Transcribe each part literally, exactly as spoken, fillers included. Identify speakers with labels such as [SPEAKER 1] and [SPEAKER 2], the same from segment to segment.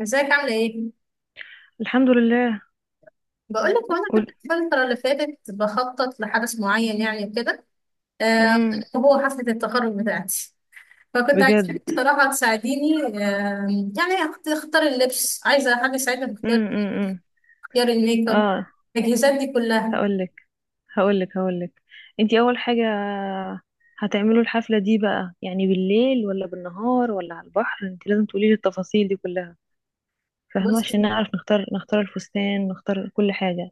[SPEAKER 1] ازيك؟ عاملة ايه؟
[SPEAKER 2] الحمد لله.
[SPEAKER 1] بقولك هو انا كنت
[SPEAKER 2] قول.
[SPEAKER 1] الفترة اللي فاتت بخطط لحدث معين يعني وكده. آه،
[SPEAKER 2] امم
[SPEAKER 1] وهو حفلة التخرج بتاعتي. فكنت
[SPEAKER 2] بجد.
[SPEAKER 1] عايزاك بصراحة تساعديني. آه يعني أخت- اختار اللبس، عايزة حد يساعدني في اختيار،
[SPEAKER 2] امم امم
[SPEAKER 1] اختيار الميك اب،
[SPEAKER 2] اه.
[SPEAKER 1] التجهيزات دي كلها.
[SPEAKER 2] هقول لك هقول لك هقول لك. انت اول حاجه، هتعملوا الحفله دي بقى يعني بالليل ولا بالنهار ولا على البحر؟ انت لازم تقولي لي التفاصيل دي كلها، فاهمه؟
[SPEAKER 1] بص،
[SPEAKER 2] عشان نعرف نختار نختار الفستان نختار كل حاجه.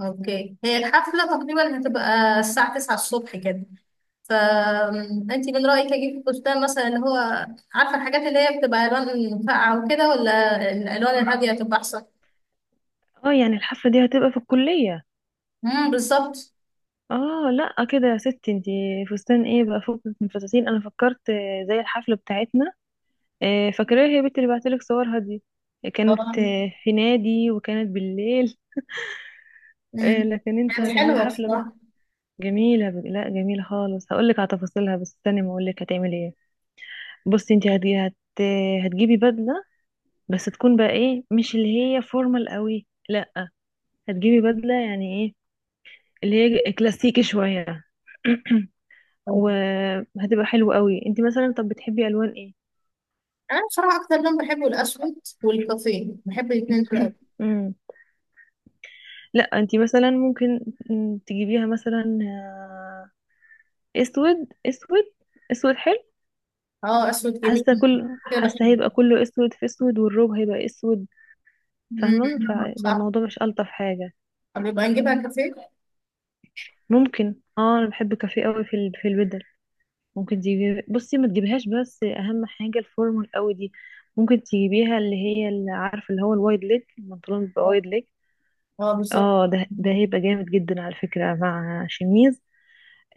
[SPEAKER 1] اوكي، هي الحفلة تقريبا هتبقى الساعة تسعة الصبح كده. فأنت من رأيك أجيب فستان مثلا اللي هو، عارفة الحاجات اللي هي بتبقى ألوان فاقعة وكده، ولا الألوان الهادية هتبقى أحسن؟
[SPEAKER 2] اه يعني الحفله دي هتبقى في الكليه؟
[SPEAKER 1] امم، بالظبط.
[SPEAKER 2] اه لا كده يا ستي انت. فستان ايه بقى فوق من الفساتين، انا فكرت زي الحفله بتاعتنا. آه، فاكراها، هي بنت اللي بعتلك صورها دي،
[SPEAKER 1] اه.
[SPEAKER 2] كانت آه، في نادي وكانت بالليل. آه،
[SPEAKER 1] امم.
[SPEAKER 2] لكن انت
[SPEAKER 1] كانت
[SPEAKER 2] هتعملي
[SPEAKER 1] حلوة
[SPEAKER 2] حفلة بقى.
[SPEAKER 1] بصراحة.
[SPEAKER 2] جميلة ب... لا جميلة خالص. هقولك على تفاصيلها بس استني ما اقولك هتعملي ايه. بصي انت هت... هت... هتجيبي بدلة، بس تكون بقى ايه، مش اللي هي فورمال قوي، لا، هتجيبي بدلة يعني ايه، اللي هي كلاسيكي شوية. وهتبقى حلوة قوي. انت مثلا طب بتحبي الوان ايه؟
[SPEAKER 1] أنا بصراحة أكتر لون بحبه الأسود والكافيه، بحب الاتنين دول أوي.
[SPEAKER 2] مم. لا انت مثلا ممكن، مم، تجيبيها مثلا آه، اسود اسود. اسود حلو.
[SPEAKER 1] اه، أسود
[SPEAKER 2] حاسه
[SPEAKER 1] جميل.
[SPEAKER 2] كل
[SPEAKER 1] كده
[SPEAKER 2] حاسه هيبقى
[SPEAKER 1] بحبه.
[SPEAKER 2] كله اسود في اسود، والروب هيبقى اسود، فاهمه؟
[SPEAKER 1] امم
[SPEAKER 2] فيبقى
[SPEAKER 1] صح.
[SPEAKER 2] الموضوع مش الطف حاجه.
[SPEAKER 1] طب يبقى نجيبها كافيه.
[SPEAKER 2] ممكن، اه انا بحب كافيه قوي في ال- في البدل. ممكن تجيبي، بصي ما تجيبيهاش، بس اهم حاجه الفورمال قوي دي. ممكن تجيبيها اللي هي اللي عارفه اللي هو الوايد ليج، البنطلون بيبقى
[SPEAKER 1] اه.
[SPEAKER 2] وايد ليج.
[SPEAKER 1] آه، بالظبط.
[SPEAKER 2] اه ده ده هيبقى جامد جدا على فكره مع شميز.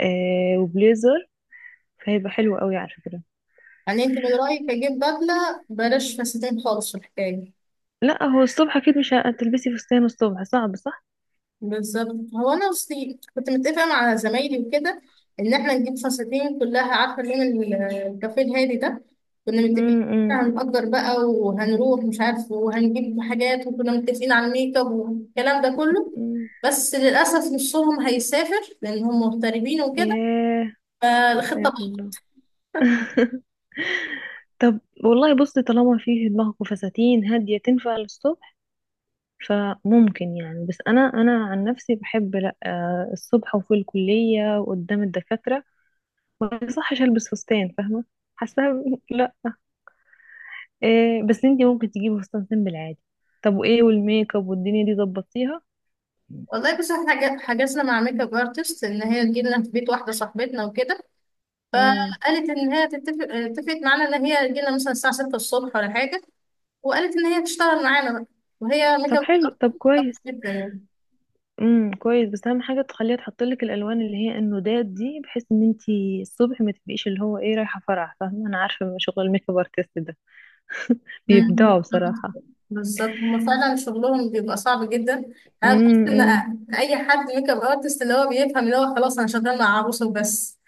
[SPEAKER 2] آه وبليزر، فهيبقى حلو قوي على فكره.
[SPEAKER 1] يعني أنت من رأيك أجيب بدلة بلاش فساتين خالص في الحكاية؟
[SPEAKER 2] لا هو الصبح اكيد مش هتلبسي فستان، الصبح صعب صعب.
[SPEAKER 1] بالظبط. هو انا اصلي كنت متفقه مع زمايلي وكده ان احنا نجيب فساتين كلها، عارفه لون ال- الكافيه الهادي ده. كنا متفقين إن
[SPEAKER 2] امم
[SPEAKER 1] إحنا هنأجر بقى وهنروح مش عارف وهنجيب حاجات، وكنا متفقين على الميك اب والكلام ده كله.
[SPEAKER 2] امم
[SPEAKER 1] بس للاسف نصهم هيسافر لان هم مغتربين وكده،
[SPEAKER 2] ياه.
[SPEAKER 1] فالخطه
[SPEAKER 2] يا الله.
[SPEAKER 1] باظت.
[SPEAKER 2] طب والله بصي، طالما فيه دماغكم فساتين هادية تنفع للصبح. فممكن يعني، بس انا انا عن نفسي بحب لا آه، الصبح وفي الكلية وقدام الدكاترة ما يصحش البس فستان، فاهمة؟ حاسة لا. إيه، بس انتي ممكن تجيبي فستان سيمبل عادي. طب وايه، والميك اب والدنيا دي ظبطيها.
[SPEAKER 1] والله بس احنا حج- حجزنا مع ميك اب ارتست ان هي تجيلنا في بيت واحده صاحبتنا وكده.
[SPEAKER 2] امم
[SPEAKER 1] قالت ان هي تتفق، اتفقت معانا ان هي تجيلنا مثلا الساعه ستة الصبح ولا حاجه، وقالت ان هي تشتغل معانا، وهي ميك
[SPEAKER 2] طب
[SPEAKER 1] اب
[SPEAKER 2] حلو، طب
[SPEAKER 1] artist
[SPEAKER 2] كويس.
[SPEAKER 1] جدا يعني.
[SPEAKER 2] امم كويس، بس اهم حاجه تخليها تحط لك الالوان اللي هي النودات دي، بحيث ان انت الصبح ما تبقيش اللي هو ايه، رايحه فرح. فاهمه، انا عارفه شغل الميك اب ارتست ده،
[SPEAKER 1] مم.
[SPEAKER 2] بيبدعوا بصراحه.
[SPEAKER 1] بالظبط، هما فعلا شغلهم بيبقى صعب جدا. انا بحس ان
[SPEAKER 2] امم
[SPEAKER 1] اي حد ميك اب ارتست اللي هو بيفهم اللي هو خلاص انا شغال مع عروسه وبس.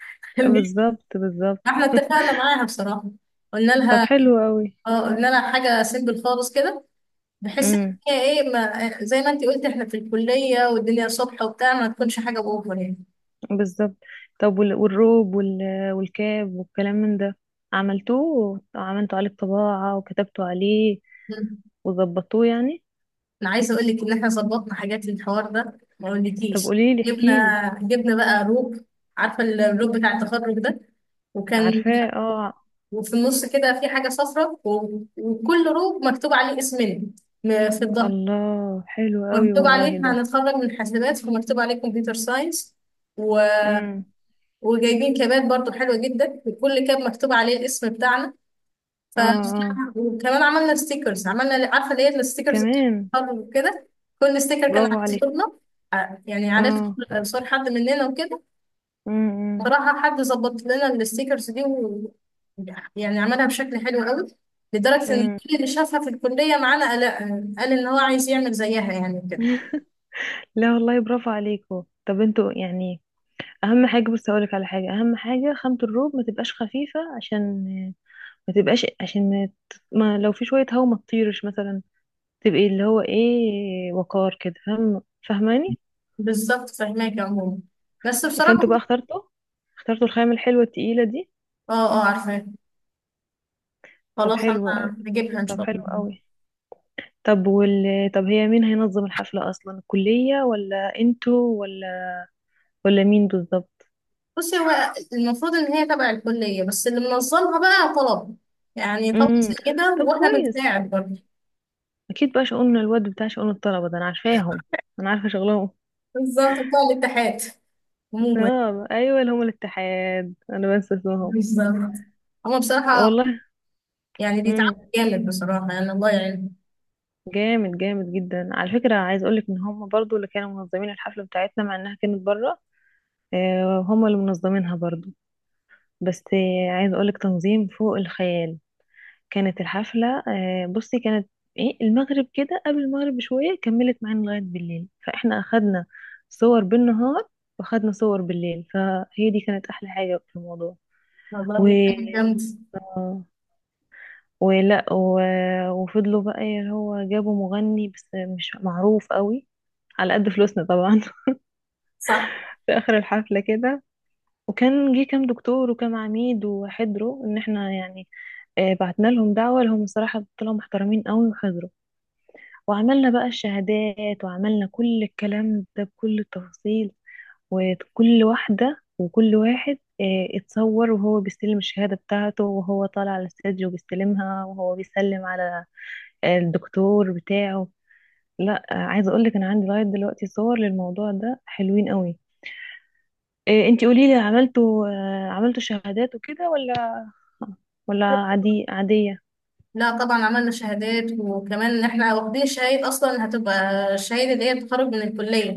[SPEAKER 2] بالظبط. بالظبط.
[SPEAKER 1] احنا اتفقنا معاها بصراحه، قلنا
[SPEAKER 2] طب
[SPEAKER 1] لها،
[SPEAKER 2] حلو قوي.
[SPEAKER 1] اه قلنا لها حاجه سيمبل خالص كده. بحس ان
[SPEAKER 2] امم
[SPEAKER 1] هي ايه، ما زي ما انت قلت احنا في الكليه والدنيا صبح وبتاع، ما تكونش حاجه باوفر يعني.
[SPEAKER 2] بالظبط. طب وال- والروب وال- والكاب والكلام من ده، عملتوه، عملتوا عليه طباعه وكتبتوا عليه وظبطوه يعني؟
[SPEAKER 1] انا عايزه اقول لك ان احنا ظبطنا حاجات للحوار ده ما
[SPEAKER 2] طب
[SPEAKER 1] اقولكيش.
[SPEAKER 2] قولي لي، احكي لي.
[SPEAKER 1] جبنا جبنا بقى روب، عارفه الروب بتاع التخرج ده، وكان،
[SPEAKER 2] عارفاه اه.
[SPEAKER 1] وفي النص كده في حاجه صفراء و... وكل روب مكتوب عليه اسمنا، م- في الظهر،
[SPEAKER 2] الله حلو قوي
[SPEAKER 1] مكتوب
[SPEAKER 2] والله
[SPEAKER 1] عليه
[SPEAKER 2] ده.
[SPEAKER 1] هنتخرج من حاسبات، ومكتوب عليه كمبيوتر ساينس و...
[SPEAKER 2] امم
[SPEAKER 1] وجايبين كابات برضو حلوه جدا، وكل كاب مكتوب عليه الاسم بتاعنا. ف،
[SPEAKER 2] اه. اه
[SPEAKER 1] وكمان عملنا ستيكرز، عملنا عارفه اللي هي الستيكرز
[SPEAKER 2] كمان.
[SPEAKER 1] وكده. كل ستيكر كان
[SPEAKER 2] برافو
[SPEAKER 1] عليه
[SPEAKER 2] عليكم.
[SPEAKER 1] صورنا، ع- يعني عليه
[SPEAKER 2] اه.
[SPEAKER 1] صور حد مننا وكده.
[SPEAKER 2] امم
[SPEAKER 1] بصراحه حد ظبط لنا الستيكرز دي و... يعني عملها بشكل حلو قوي، لدرجه ان
[SPEAKER 2] امم
[SPEAKER 1] كل اللي شافها في الكليه معانا قال، قال ان هو عايز يعمل زيها يعني كده.
[SPEAKER 2] لا والله برافو عليكم. طب انتوا يعني اهم حاجه، بس اقولك على حاجه، اهم حاجه خامه الروب ما تبقاش خفيفه، عشان ما تبقاش، عشان ما, ت- ما، لو في شويه هوا ما تطيرش مثلا، تبقي اللي هو ايه، وقار كده، فاهم؟ فاهماني؟
[SPEAKER 1] بالظبط فهماك يا عموما. بس بصراحه
[SPEAKER 2] فانتوا بقى اخترتوا اخترتوا الخامه الحلوه التقيله دي.
[SPEAKER 1] اه، اه عارفاه.
[SPEAKER 2] طب
[SPEAKER 1] خلاص
[SPEAKER 2] حلو،
[SPEAKER 1] انا هجيبها ان
[SPEAKER 2] طب
[SPEAKER 1] شاء
[SPEAKER 2] حلو
[SPEAKER 1] الله.
[SPEAKER 2] قوي. طب وال طب هي مين هينظم الحفله اصلا، الكليه ولا انتوا ولا ولا مين بالظبط؟
[SPEAKER 1] بصي، هو المفروض ان هي تبع الكليه، بس اللي منظمها بقى طلب يعني، طلب زي
[SPEAKER 2] امم
[SPEAKER 1] كده،
[SPEAKER 2] طب
[SPEAKER 1] واحنا
[SPEAKER 2] كويس.
[SPEAKER 1] بنساعد برضه.
[SPEAKER 2] اكيد بقى شؤون الواد بتاع شؤون الطلبه ده، انا عارفاهم، انا عارفه شغلهم.
[SPEAKER 1] بالظبط بتوع الاتحاد عموما.
[SPEAKER 2] اه ايوه اللي هم الاتحاد، انا بنسى اسمهم.
[SPEAKER 1] بالظبط هما بصراحه
[SPEAKER 2] والله.
[SPEAKER 1] يعني
[SPEAKER 2] امم
[SPEAKER 1] بيتعبوا جامد بصراحه، يعني الله يعينهم.
[SPEAKER 2] جامد، جامد جدا على فكره. عايز اقولك ان هم برضو اللي كانوا منظمين الحفله بتاعتنا، مع انها كانت بره. آه، هم اللي منظمينها برضو. بس آه، عايز اقولك تنظيم فوق الخيال. كانت الحفلة آه، بصي كانت ايه، المغرب كده، قبل المغرب بشوية كملت معانا لغاية بالليل. فاحنا اخدنا صور بالنهار، واخدنا صور بالليل، فهي دي كانت احلى حاجة في الموضوع. و
[SPEAKER 1] والله حاجه جامده.
[SPEAKER 2] آه، ولا و... وفضلوا بقى اللي هو جابوا مغني، بس مش معروف قوي، على قد فلوسنا طبعا.
[SPEAKER 1] صح.
[SPEAKER 2] في اخر الحفلة كده. وكان جه كام دكتور وكام عميد وحضروا، ان احنا يعني آه، بعتنا لهم دعوة، لهم الصراحة طلعوا محترمين قوي وحضروا. وعملنا بقى الشهادات، وعملنا كل الكلام ده بكل التفاصيل. وكل واحدة وكل واحد آه، اتصور وهو بيستلم الشهادة بتاعته، وهو طالع على الستيج وبيستلمها، وهو بيسلم على آه، الدكتور بتاعه. لا آه، عايزة اقولك انا عندي لغاية دلوقتي صور للموضوع ده حلوين قوي. آه، انتي قوليلي، عملتوا آه، عملتوا شهادات وكده، ولا ولا عادي عادية؟
[SPEAKER 1] لا طبعا عملنا شهادات، وكمان ان احنا واخدين شهاده اصلا هتبقى الشهاده اللي هي التخرج من الكليه،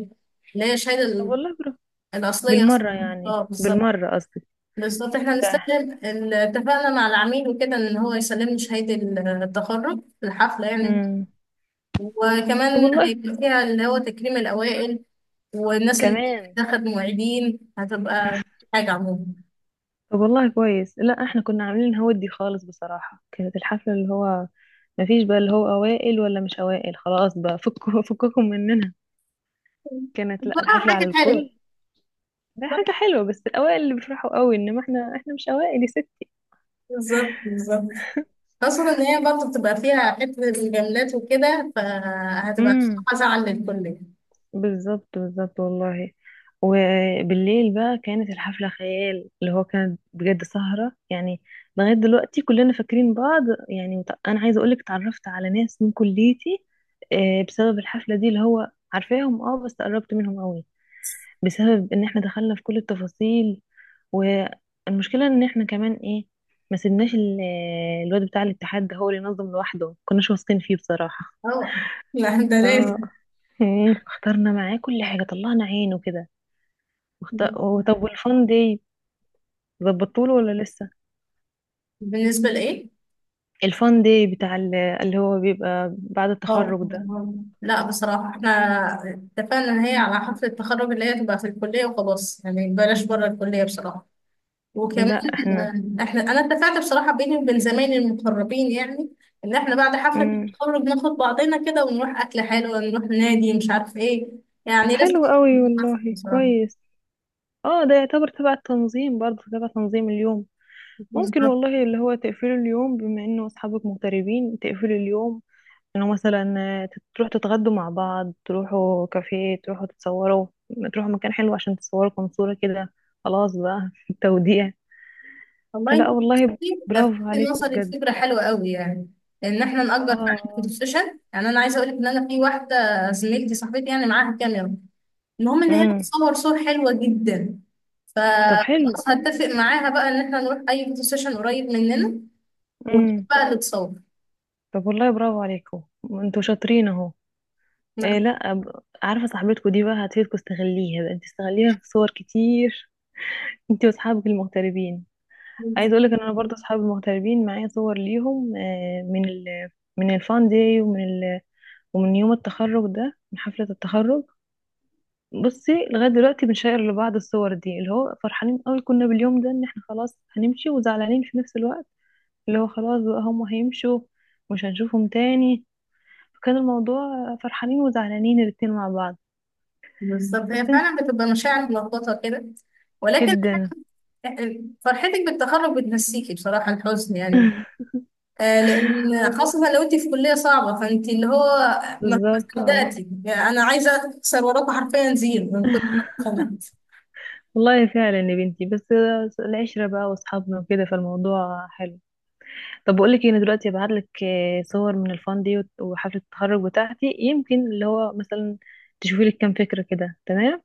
[SPEAKER 1] اللي هي الشهاده
[SPEAKER 2] طب
[SPEAKER 1] ال-
[SPEAKER 2] والله برافو،
[SPEAKER 1] الاصليه اصلا.
[SPEAKER 2] بالمرة يعني،
[SPEAKER 1] اه بالظبط
[SPEAKER 2] بالمرة قصدي.
[SPEAKER 1] بالظبط. احنا
[SPEAKER 2] ده
[SPEAKER 1] هنستخدم ال- اتفقنا مع العميل وكده ان هو يسلمني شهادة ال- التخرج في الحفلة يعني.
[SPEAKER 2] مم. طب
[SPEAKER 1] وكمان
[SPEAKER 2] والله
[SPEAKER 1] هيبقى فيها اللي هو تكريم الأوائل، والناس اللي
[SPEAKER 2] كمان.
[SPEAKER 1] دخلت معيدين، هتبقى حاجة عموما
[SPEAKER 2] طب والله كويس. لا احنا كنا عاملين هودي خالص بصراحة. كانت الحفلة اللي هو ما فيش بقى اللي هو اوائل ولا مش اوائل، خلاص بقى فكوا فككم مننا. كانت لا
[SPEAKER 1] بصراحة
[SPEAKER 2] الحفلة على
[SPEAKER 1] حاجة حلوة.
[SPEAKER 2] الكل. هي حاجة حلوة، بس الاوائل اللي بيفرحوا قوي، انما احنا احنا مش اوائل يا ست.
[SPEAKER 1] بالظبط بالظبط، خاصة ان هي برضه بتبقى فيها حتة الجملات وكده، فهتبقى
[SPEAKER 2] امم
[SPEAKER 1] حاجة زعل للكل.
[SPEAKER 2] بالظبط بالظبط والله. وبالليل بقى كانت الحفلة خيال، اللي هو كانت بجد سهرة يعني. لغاية دلوقتي كلنا فاكرين بعض يعني. مت- أنا عايزة أقولك اتعرفت على ناس من كليتي آه، بسبب الحفلة دي، اللي هو عارفاهم اه، بس قربت منهم قوي، بسبب إن احنا دخلنا في كل التفاصيل. والمشكلة إن احنا كمان ايه، ما سيبناش ال- الواد بتاع الاتحاد ده هو اللي ينظم لوحده، كناش واثقين فيه بصراحة.
[SPEAKER 1] اه لا ده لازم.
[SPEAKER 2] اه مم. اخترنا معاه كل حاجة، طلعنا عينه كده. وخت- هو طب والفان داي ظبطتوله ولا لسه؟
[SPEAKER 1] بالنسبة لإيه؟
[SPEAKER 2] الفان داي بتاع ال- اللي هو بيبقى بعد
[SPEAKER 1] اه
[SPEAKER 2] التخرج ده.
[SPEAKER 1] لا بصراحة احنا اتفقنا ان هي على حفلة التخرج اللي هي تبقى في الكلية وخلاص يعني، بلاش بره الكلية بصراحة. وكمان
[SPEAKER 2] لا احنا.
[SPEAKER 1] آه، احنا انا اتفقت بصراحة بيني وبين زمايلي المقربين يعني ان احنا بعد حفلة
[SPEAKER 2] مم.
[SPEAKER 1] التخرج ناخد بعضنا كده ونروح اكل حلو، نروح نادي، مش عارف ايه،
[SPEAKER 2] طب
[SPEAKER 1] يعني لازم
[SPEAKER 2] حلو قوي
[SPEAKER 1] نتحفل
[SPEAKER 2] والله
[SPEAKER 1] بصراحة.
[SPEAKER 2] كويس. اه ده يعتبر تبع التنظيم برضه، تبع تنظيم اليوم. ممكن
[SPEAKER 1] بالظبط.
[SPEAKER 2] والله اللي هو تقفلوا اليوم، بما انه اصحابك مغتربين، تقفلوا اليوم انه مثلا آه، تت- تروحوا تتغدوا مع بعض، تروحوا كافيه، تروحوا تتصوروا، تروحوا مكان حلو عشان تصوروا كام صورة كده، خلاص بقى في التوديع.
[SPEAKER 1] والله
[SPEAKER 2] فلا
[SPEAKER 1] انت
[SPEAKER 2] والله،
[SPEAKER 1] بصي،
[SPEAKER 2] برافو
[SPEAKER 1] لفتت
[SPEAKER 2] عليكم
[SPEAKER 1] نظري
[SPEAKER 2] بجد.
[SPEAKER 1] لفكرة حلوة قوي يعني، ان احنا نأجر فعلا فوتو
[SPEAKER 2] اه.
[SPEAKER 1] سيشن. يعني انا عايزة اقول لك ان انا في واحدة زميلتي صاحبتي يعني معاها كاميرا، المهم ان هي
[SPEAKER 2] امم
[SPEAKER 1] بتصور صور حلوه جدا.
[SPEAKER 2] طب حلو.
[SPEAKER 1] فخلاص هتفق معاها بقى ان احنا نروح اي فوتو سيشن قريب مننا، وهي
[SPEAKER 2] امم
[SPEAKER 1] بقى اللي تصور.
[SPEAKER 2] طب والله برافو عليكم، انتوا شاطرين اهو. إيه
[SPEAKER 1] لا
[SPEAKER 2] لا ب- عارفه صاحبتكم دي بقى هتفيدكم، استغليها بقى، انت استغليها في صور كتير. انت واصحابك المغتربين. عايز اقول لك ان انا برضه اصحابي المغتربين معايا صور ليهم آه، من ال، من الفان داي، ومن ال، ومن يوم التخرج ده، من حفله التخرج. بصي لغايه دلوقتي بنشير لبعض الصور دي، اللي هو فرحانين قوي كنا باليوم ده، ان احنا خلاص هنمشي، وزعلانين في نفس الوقت، اللي هو خلاص بقى هم هيمشوا مش هنشوفهم تاني، فكان الموضوع فرحانين وزعلانين الاتنين مع بعض.
[SPEAKER 1] بالظبط، هي
[SPEAKER 2] بس انت.
[SPEAKER 1] فعلا بتبقى مشاعر
[SPEAKER 2] مم.
[SPEAKER 1] ملخبطه كده، ولكن
[SPEAKER 2] جدا.
[SPEAKER 1] فرحتك بالتخرج بتنسيكي بصراحه الحزن يعني. آه لان خاصه لو انت في كليه صعبه فانت اللي هو ما ما
[SPEAKER 2] بالظبط اه.
[SPEAKER 1] صدقتي يعني. انا عايزه اكسر وراكم حرفيا زيرو من كتر ما أنا.
[SPEAKER 2] والله فعلا يا بنتي، بس العشرة بقى واصحابنا وكده فالموضوع حلو. طب بقول لك ايه، انا دلوقتي هبعت لك صور من الفان دي، وت- وحفلة التخرج بتاعتي، يمكن اللي هو مثلا تشوفي لك كام فكرة كده، تمام؟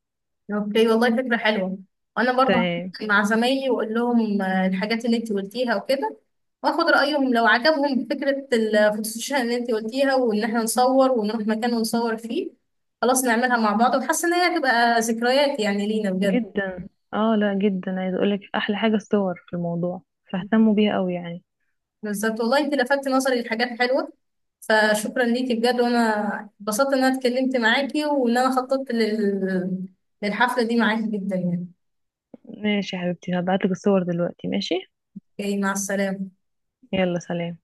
[SPEAKER 1] اوكي والله فكرة حلوة. وانا برضه
[SPEAKER 2] تمام
[SPEAKER 1] هحكي مع زمايلي واقول لهم آه، الحاجات اللي انت قلتيها وكده، واخد رأيهم لو عجبهم فكرة الفوتوشوب اللي انت قلتيها، وان احنا نصور ونروح مكان ونصور فيه. خلاص نعملها مع بعض، وحاسة ان هي هتبقى ذكريات يعني لينا بجد.
[SPEAKER 2] جدا اه. لا جدا عايزة اقول لك احلى حاجة الصور في الموضوع، فاهتموا بيها قوي يعني.
[SPEAKER 1] بالظبط والله، انت لفتت نظري لحاجات حلوة، فشكرا ليكي بجد. وانا اتبسطت ان انا اتكلمت معاكي وان انا خططت لل... للحفلة دي معاكي جدا يعني.
[SPEAKER 2] ماشي يا حبيبتي، هبعتلك الصور دلوقتي، ماشي.
[SPEAKER 1] اوكي، مع السلامة.
[SPEAKER 2] يلا سلام.